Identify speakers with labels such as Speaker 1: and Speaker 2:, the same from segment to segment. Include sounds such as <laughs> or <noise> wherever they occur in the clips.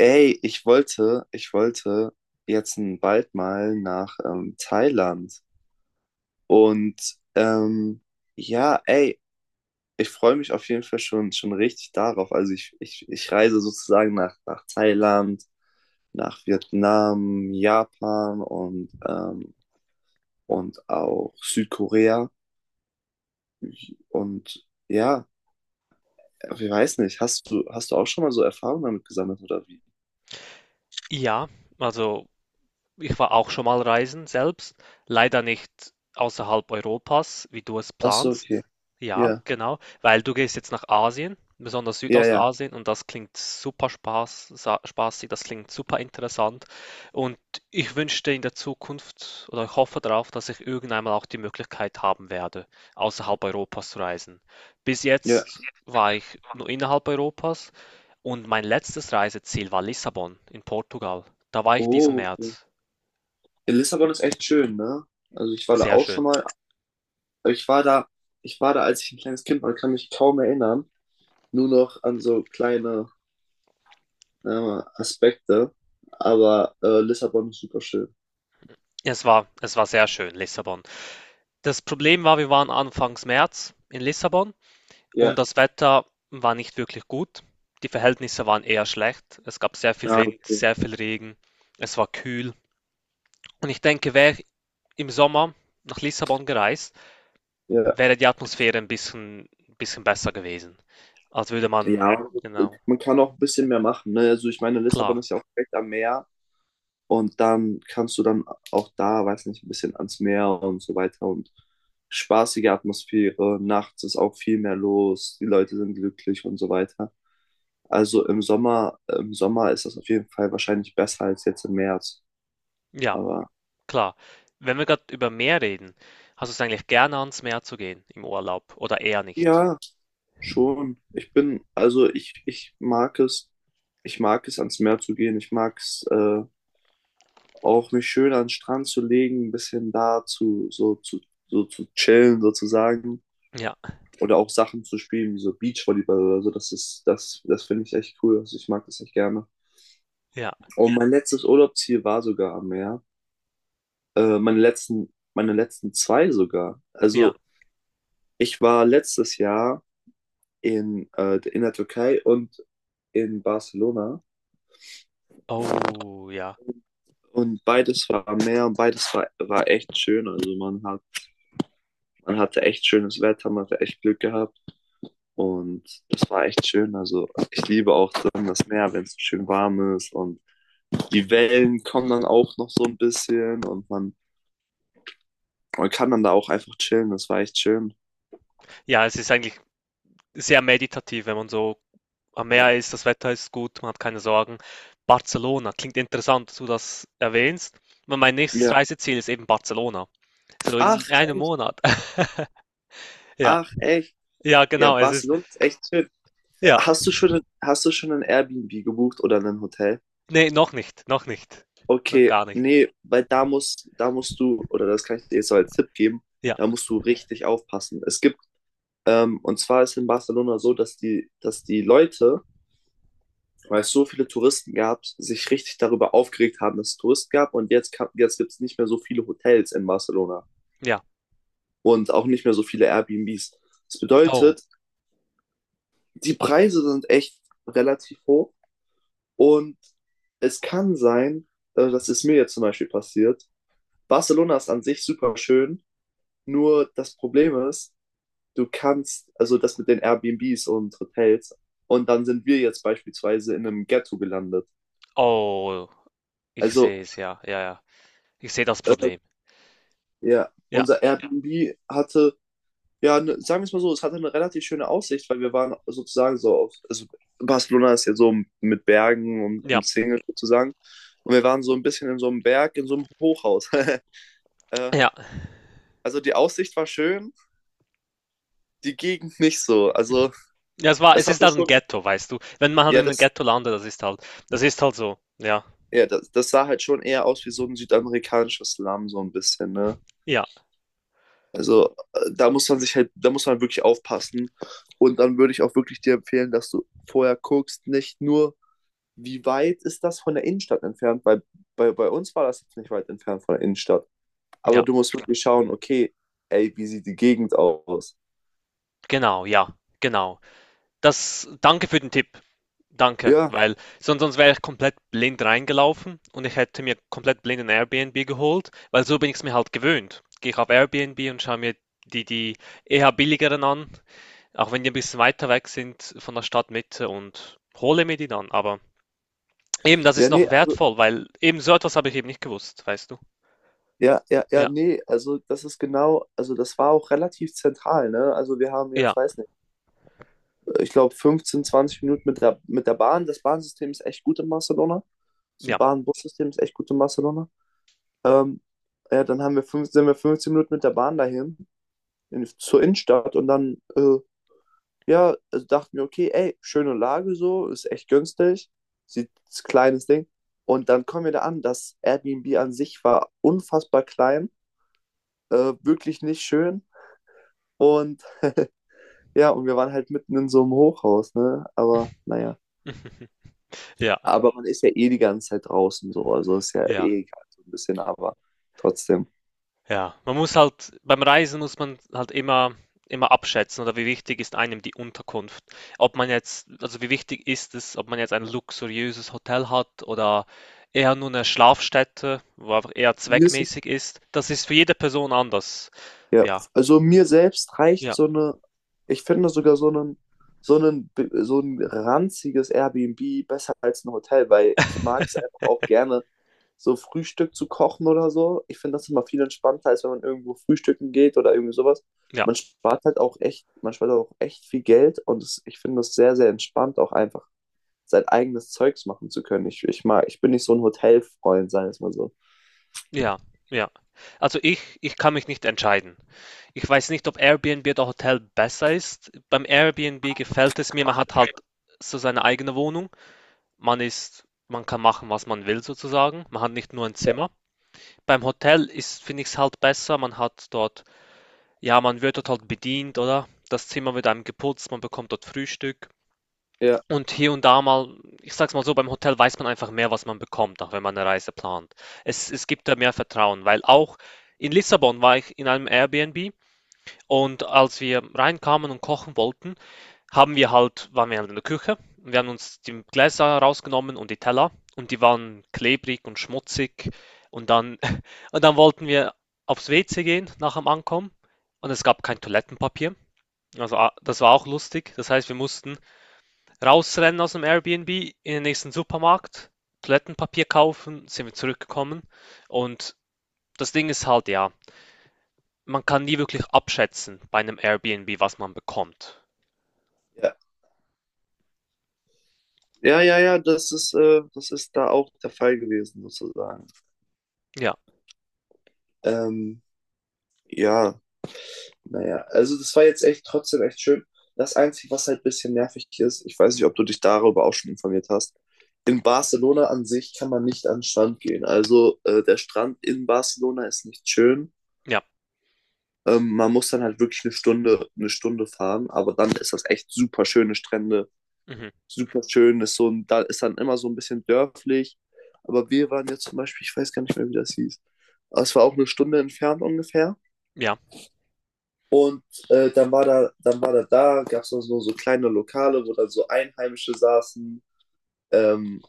Speaker 1: Ey, ich wollte jetzt bald mal nach Thailand. Und ähm, ja, ey, Ich freue mich auf jeden Fall schon richtig darauf. Also ich reise sozusagen nach Thailand, nach Vietnam, Japan und auch Südkorea. Und ja, ich weiß nicht, hast du auch schon mal so Erfahrungen damit gesammelt oder wie?
Speaker 2: Ja, also ich war auch schon mal reisen selbst, leider nicht außerhalb Europas, wie du es
Speaker 1: Ach so, okay.
Speaker 2: planst. Ja,
Speaker 1: Ja,
Speaker 2: genau, weil du gehst jetzt nach Asien, besonders
Speaker 1: ja, ja,
Speaker 2: Südostasien, und das klingt super Spaß, spaßig, das klingt super interessant. Und ich wünschte in der Zukunft oder ich hoffe darauf, dass ich irgendwann mal auch die Möglichkeit haben werde, außerhalb Europas zu reisen. Bis
Speaker 1: ja.
Speaker 2: jetzt war ich nur innerhalb Europas und mein letztes Reiseziel war Lissabon in Portugal. Da war ich diesen
Speaker 1: Oh, okay.
Speaker 2: März.
Speaker 1: Lissabon ist echt schön, ne? Also ich war da
Speaker 2: Sehr
Speaker 1: auch
Speaker 2: schön.
Speaker 1: schon mal, ich war da, ich war da, als ich ein kleines Kind war, kann mich kaum erinnern, nur noch an so kleine äh, Aspekte, aber Lissabon ist super schön.
Speaker 2: Es war sehr schön, Lissabon. Das Problem war, wir waren anfangs März in Lissabon und
Speaker 1: Ja,
Speaker 2: das Wetter war nicht wirklich gut. Die Verhältnisse waren eher schlecht. Es gab sehr viel
Speaker 1: ja,
Speaker 2: Wind,
Speaker 1: okay.
Speaker 2: sehr viel Regen. Es war kühl. Und ich denke, wäre ich im Sommer nach Lissabon gereist,
Speaker 1: Ja.
Speaker 2: wäre die Atmosphäre ein bisschen besser gewesen. Als würde man,
Speaker 1: Ja,
Speaker 2: genau,
Speaker 1: man kann auch ein bisschen mehr machen, ne? Also ich meine, Lissabon
Speaker 2: klar,
Speaker 1: ist ja auch direkt am Meer und dann kannst du dann auch da, weiß nicht, ein bisschen ans Meer und so weiter und spaßige Atmosphäre, nachts ist auch viel mehr los, die Leute sind glücklich und so weiter. Also im Sommer ist das auf jeden Fall wahrscheinlich besser als jetzt im März.
Speaker 2: ja,
Speaker 1: Aber
Speaker 2: klar. Wenn wir gerade über Meer reden, hast du es eigentlich gerne ans Meer zu gehen im Urlaub oder eher nicht?
Speaker 1: ja, schon. Ich bin, also ich mag es ans Meer zu gehen. Ich mag es auch mich schön an den Strand zu legen, ein bisschen da zu, so zu, so zu chillen sozusagen.
Speaker 2: Ja,
Speaker 1: Oder auch Sachen zu spielen, wie so Beachvolleyball oder so. Das finde ich echt cool. Also ich mag das echt gerne.
Speaker 2: ja.
Speaker 1: Und mein letztes Urlaubsziel war sogar am Meer. Meine letzten zwei sogar.
Speaker 2: Ja.
Speaker 1: Also ich war letztes Jahr in der Türkei und in Barcelona
Speaker 2: Oh, ja.
Speaker 1: und beides war am Meer und war echt schön. Also man hatte echt schönes Wetter, man hatte echt Glück gehabt und das war echt schön. Also ich liebe auch dann das Meer, wenn es schön warm ist und die Wellen kommen dann auch noch so ein bisschen man kann dann da auch einfach chillen. Das war echt schön.
Speaker 2: Ja, es ist eigentlich sehr meditativ, wenn man so am
Speaker 1: Ja.
Speaker 2: Meer ist, das Wetter ist gut, man hat keine Sorgen. Barcelona, klingt interessant, dass du das erwähnst. Weil mein nächstes
Speaker 1: Ja.
Speaker 2: Reiseziel ist eben Barcelona. So in
Speaker 1: Ach,
Speaker 2: einem
Speaker 1: echt,
Speaker 2: Monat. <laughs> Ja,
Speaker 1: ach, echt.
Speaker 2: ja,
Speaker 1: Ja,
Speaker 2: genau, es ist,
Speaker 1: Barcelona ist echt schön.
Speaker 2: ja.
Speaker 1: Hast du schon ein Airbnb gebucht oder ein Hotel?
Speaker 2: Nee, noch nicht, noch nicht. Noch
Speaker 1: Okay,
Speaker 2: gar nicht.
Speaker 1: nee, weil da musst du, oder das kann ich dir jetzt so als Tipp geben,
Speaker 2: Ja,
Speaker 1: da musst du richtig aufpassen. Und zwar ist in Barcelona so, dass dass die Leute, weil es so viele Touristen gab, sich richtig darüber aufgeregt haben, dass es Touristen gab und jetzt gibt es nicht mehr so viele Hotels in Barcelona
Speaker 2: ja.
Speaker 1: und auch nicht mehr so viele Airbnbs. Das
Speaker 2: Oh,
Speaker 1: bedeutet, die Preise sind echt relativ hoch. Und es kann sein, das ist mir jetzt zum Beispiel passiert. Barcelona ist an sich super schön, nur das Problem ist, also das mit den Airbnbs und Hotels, und dann sind wir jetzt beispielsweise in einem Ghetto gelandet.
Speaker 2: oh, ich
Speaker 1: Also,
Speaker 2: sehe es, ja, ja, ja. Ich sehe das
Speaker 1: äh,
Speaker 2: Problem.
Speaker 1: ja,
Speaker 2: Ja,
Speaker 1: ja, ne, sagen wir es mal so, es hatte eine relativ schöne Aussicht, weil wir waren sozusagen so auf, also Barcelona ist ja so mit Bergen
Speaker 2: ja,
Speaker 1: umzingelt sozusagen, und wir waren so ein bisschen in so einem Berg, in so einem Hochhaus.
Speaker 2: ja.
Speaker 1: <laughs> Also die Aussicht war schön, die Gegend nicht so. Also
Speaker 2: Ja, es war,
Speaker 1: das
Speaker 2: es ist
Speaker 1: hatte
Speaker 2: halt ein
Speaker 1: schon,
Speaker 2: Ghetto, weißt du. Wenn man halt in
Speaker 1: ja,
Speaker 2: einem
Speaker 1: das,
Speaker 2: Ghetto landet, das ist halt so. Ja,
Speaker 1: ja, das sah halt schon eher aus wie so ein südamerikanischer Slum, so ein bisschen, ne?
Speaker 2: ja,
Speaker 1: Also da muss man sich halt, da muss man wirklich aufpassen. Und dann würde ich auch wirklich dir empfehlen, dass du vorher guckst, nicht nur, wie weit ist das von der Innenstadt entfernt, weil bei uns war das jetzt nicht weit entfernt von der Innenstadt. Aber
Speaker 2: ja,
Speaker 1: du musst wirklich schauen, okay, ey, wie sieht die Gegend aus?
Speaker 2: genau, ja, genau. Das, danke für den Tipp. Danke,
Speaker 1: Ja,
Speaker 2: weil sonst wäre ich komplett blind reingelaufen und ich hätte mir komplett blind ein Airbnb geholt, weil so bin ich es mir halt gewöhnt. Gehe ich auf Airbnb und schaue mir die eher billigeren an, auch wenn die ein bisschen weiter weg sind von der Stadtmitte und hole mir die dann. Aber eben, das
Speaker 1: ja,
Speaker 2: ist
Speaker 1: nee,
Speaker 2: noch
Speaker 1: also
Speaker 2: wertvoll, weil eben so etwas habe ich eben nicht gewusst, weißt du?
Speaker 1: ja, ja, ja,
Speaker 2: Ja,
Speaker 1: nee, also das ist genau, also das war auch relativ zentral, ne? Also wir haben
Speaker 2: ja,
Speaker 1: jetzt, weiß nicht, ich glaube 15, 20 Minuten mit mit der Bahn. Das Bahnsystem ist echt gut in Barcelona. So
Speaker 2: ja.
Speaker 1: Bahn-Bus-System ist echt gut in Barcelona. Ähm, ja, dann sind wir 15 Minuten mit der Bahn dahin, zur Innenstadt und dann, ja, also dachten wir, okay, ey, schöne Lage so, ist echt günstig, sieht ist kleines Ding. Und dann kommen wir da an, das Airbnb an sich war unfassbar klein, wirklich nicht schön. Und ja, und wir waren halt mitten in so einem Hochhaus, ne? Aber naja.
Speaker 2: <laughs> Ja,
Speaker 1: Aber man ist ja eh die ganze Zeit draußen so. Also ist ja
Speaker 2: ja,
Speaker 1: eh egal, so ein bisschen, aber trotzdem.
Speaker 2: ja. Man muss halt beim Reisen muss man halt immer abschätzen oder wie wichtig ist einem die Unterkunft. Ob man jetzt, also wie wichtig ist es, ob man jetzt ein luxuriöses Hotel hat oder eher nur eine Schlafstätte, wo einfach eher
Speaker 1: Mir ist es
Speaker 2: zweckmäßig ist. Das ist für jede Person anders.
Speaker 1: Ja,
Speaker 2: Ja,
Speaker 1: also mir selbst reicht
Speaker 2: ja,
Speaker 1: so eine, ich finde sogar so einen, so ein ranziges Airbnb besser als ein Hotel, weil ich mag es einfach auch gerne, so Frühstück zu kochen oder so. Ich finde das immer viel entspannter, als wenn man irgendwo frühstücken geht oder irgendwie sowas.
Speaker 2: ja,
Speaker 1: Man spart auch echt viel Geld und ich finde das sehr entspannt, auch einfach sein eigenes Zeugs machen zu können. Ich mag, ich bin nicht so ein Hotelfreund, sagen wir es mal so.
Speaker 2: ja, ja. Also ich kann mich nicht entscheiden. Ich weiß nicht, ob Airbnb oder Hotel besser ist. Beim Airbnb gefällt es mir, man hat halt so seine eigene Wohnung. Man kann machen, was man will sozusagen. Man hat nicht nur ein Zimmer. Beim Hotel ist, finde ich es halt besser. Man hat dort, ja, man wird dort halt bedient, oder? Das Zimmer wird einem geputzt, man bekommt dort Frühstück.
Speaker 1: Ja.
Speaker 2: Und hier und da mal, ich sag's mal so, beim Hotel weiß man einfach mehr, was man bekommt, auch wenn man eine Reise plant. Es gibt da mehr Vertrauen, weil auch in Lissabon war ich in einem Airbnb und als wir reinkamen und kochen wollten, waren wir halt in der Küche, wir haben uns die Gläser rausgenommen und die Teller und die waren klebrig und schmutzig und dann, <laughs> und dann wollten wir aufs WC gehen nach dem Ankommen und es gab kein Toilettenpapier. Also ah, das war auch lustig. Das heißt, wir mussten rausrennen aus dem Airbnb in den nächsten Supermarkt, Toilettenpapier kaufen, sind wir zurückgekommen und das Ding ist halt, ja, man kann nie wirklich abschätzen bei einem Airbnb, was man bekommt.
Speaker 1: Ja, ja, ja, das ist da auch der Fall gewesen, sozusagen.
Speaker 2: Ja,
Speaker 1: Ähm, ja, naja, also das war jetzt echt trotzdem echt schön. Das Einzige, was halt ein bisschen nervig ist, ich weiß nicht, ob du dich darüber auch schon informiert hast, in Barcelona an sich kann man nicht an den Strand gehen. Also der Strand in Barcelona ist nicht schön.
Speaker 2: ja,
Speaker 1: Man muss dann halt wirklich eine Stunde fahren, aber dann ist das echt super schöne Strände.
Speaker 2: mhm,
Speaker 1: Super schön, ist so ein, da ist dann immer so ein bisschen dörflich. Aber wir waren jetzt zum Beispiel, ich weiß gar nicht mehr, wie das hieß. Aber es war auch eine Stunde entfernt ungefähr.
Speaker 2: ja.
Speaker 1: Und dann war gab es noch so, so kleine Lokale, wo dann so Einheimische saßen. Ähm,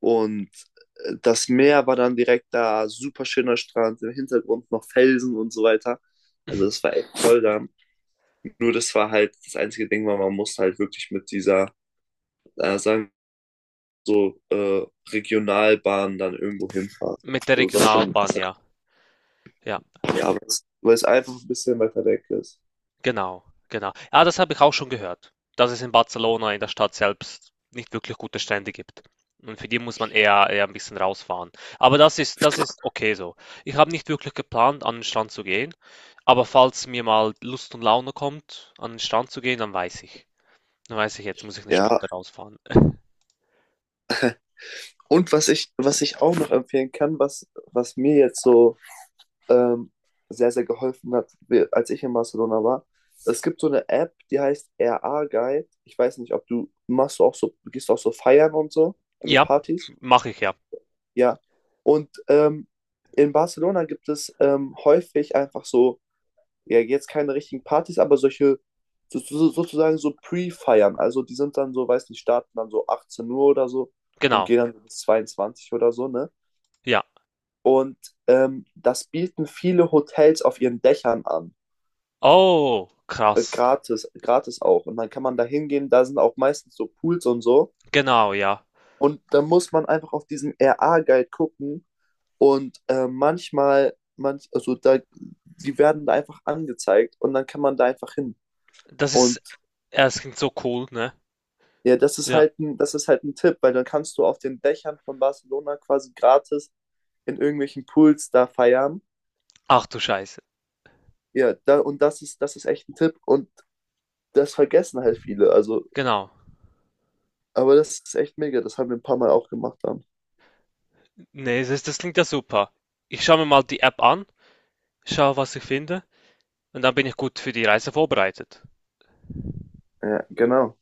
Speaker 1: und das Meer war dann direkt da, super schöner Strand, im Hintergrund noch Felsen und so weiter. Also das war echt toll da. Nur das war halt das einzige Ding, weil man musste halt wirklich mit dieser, sagen so Regionalbahnen dann irgendwo hinfahren.
Speaker 2: Mit der
Speaker 1: Also das schon,
Speaker 2: Regionalbahn, ja. Ja,
Speaker 1: ja, weil es einfach ein bisschen weiter weg ist.
Speaker 2: genau, genau. Ja, das habe ich auch schon gehört, dass es in Barcelona in der Stadt selbst nicht wirklich gute Strände gibt. Und für die muss man eher ein bisschen rausfahren. Aber das ist okay so. Ich habe nicht wirklich geplant, an den Strand zu gehen. Aber falls mir mal Lust und Laune kommt, an den Strand zu gehen, dann weiß ich. Dann weiß ich, jetzt muss ich eine
Speaker 1: Ja,
Speaker 2: Stunde rausfahren.
Speaker 1: und was ich auch noch empfehlen kann, was mir jetzt so ähm, sehr geholfen hat, als ich in Barcelona war, es gibt so eine App, die heißt RA Guide. Ich weiß nicht, ob du machst du auch so, gehst du auch so feiern und so, also
Speaker 2: Ja,
Speaker 1: Partys.
Speaker 2: mache ich ja.
Speaker 1: Ja. Und in Barcelona gibt es häufig einfach so ja, jetzt keine richtigen Partys, aber solche sozusagen so Pre-Feiern. Also die sind dann so, weiß nicht, starten dann so 18 Uhr oder so und
Speaker 2: Genau.
Speaker 1: gehen dann so bis 22 oder so, ne?
Speaker 2: Ja.
Speaker 1: Und das bieten viele Hotels auf ihren Dächern an.
Speaker 2: Oh, krass.
Speaker 1: Gratis auch. Und dann kann man da hingehen, da sind auch meistens so Pools und so.
Speaker 2: Genau, ja.
Speaker 1: Und dann muss man einfach auf diesen RA-Guide gucken. Und also da, die werden da einfach angezeigt und dann kann man da einfach hin.
Speaker 2: Das ist,
Speaker 1: Und
Speaker 2: ja, es klingt so cool, ne?
Speaker 1: ja,
Speaker 2: Ja.
Speaker 1: das ist halt ein Tipp, weil dann kannst du auf den Dächern von Barcelona quasi gratis in irgendwelchen Pools da feiern.
Speaker 2: Ach du Scheiße.
Speaker 1: Ja, da, und das ist echt ein Tipp und das vergessen halt viele. Also,
Speaker 2: Genau.
Speaker 1: aber das ist echt mega. Das haben wir ein paar Mal auch gemacht dann.
Speaker 2: Ne, das klingt ja super. Ich schaue mir mal die App an, schaue, was ich finde und dann bin ich gut für die Reise vorbereitet.
Speaker 1: Ja, genau.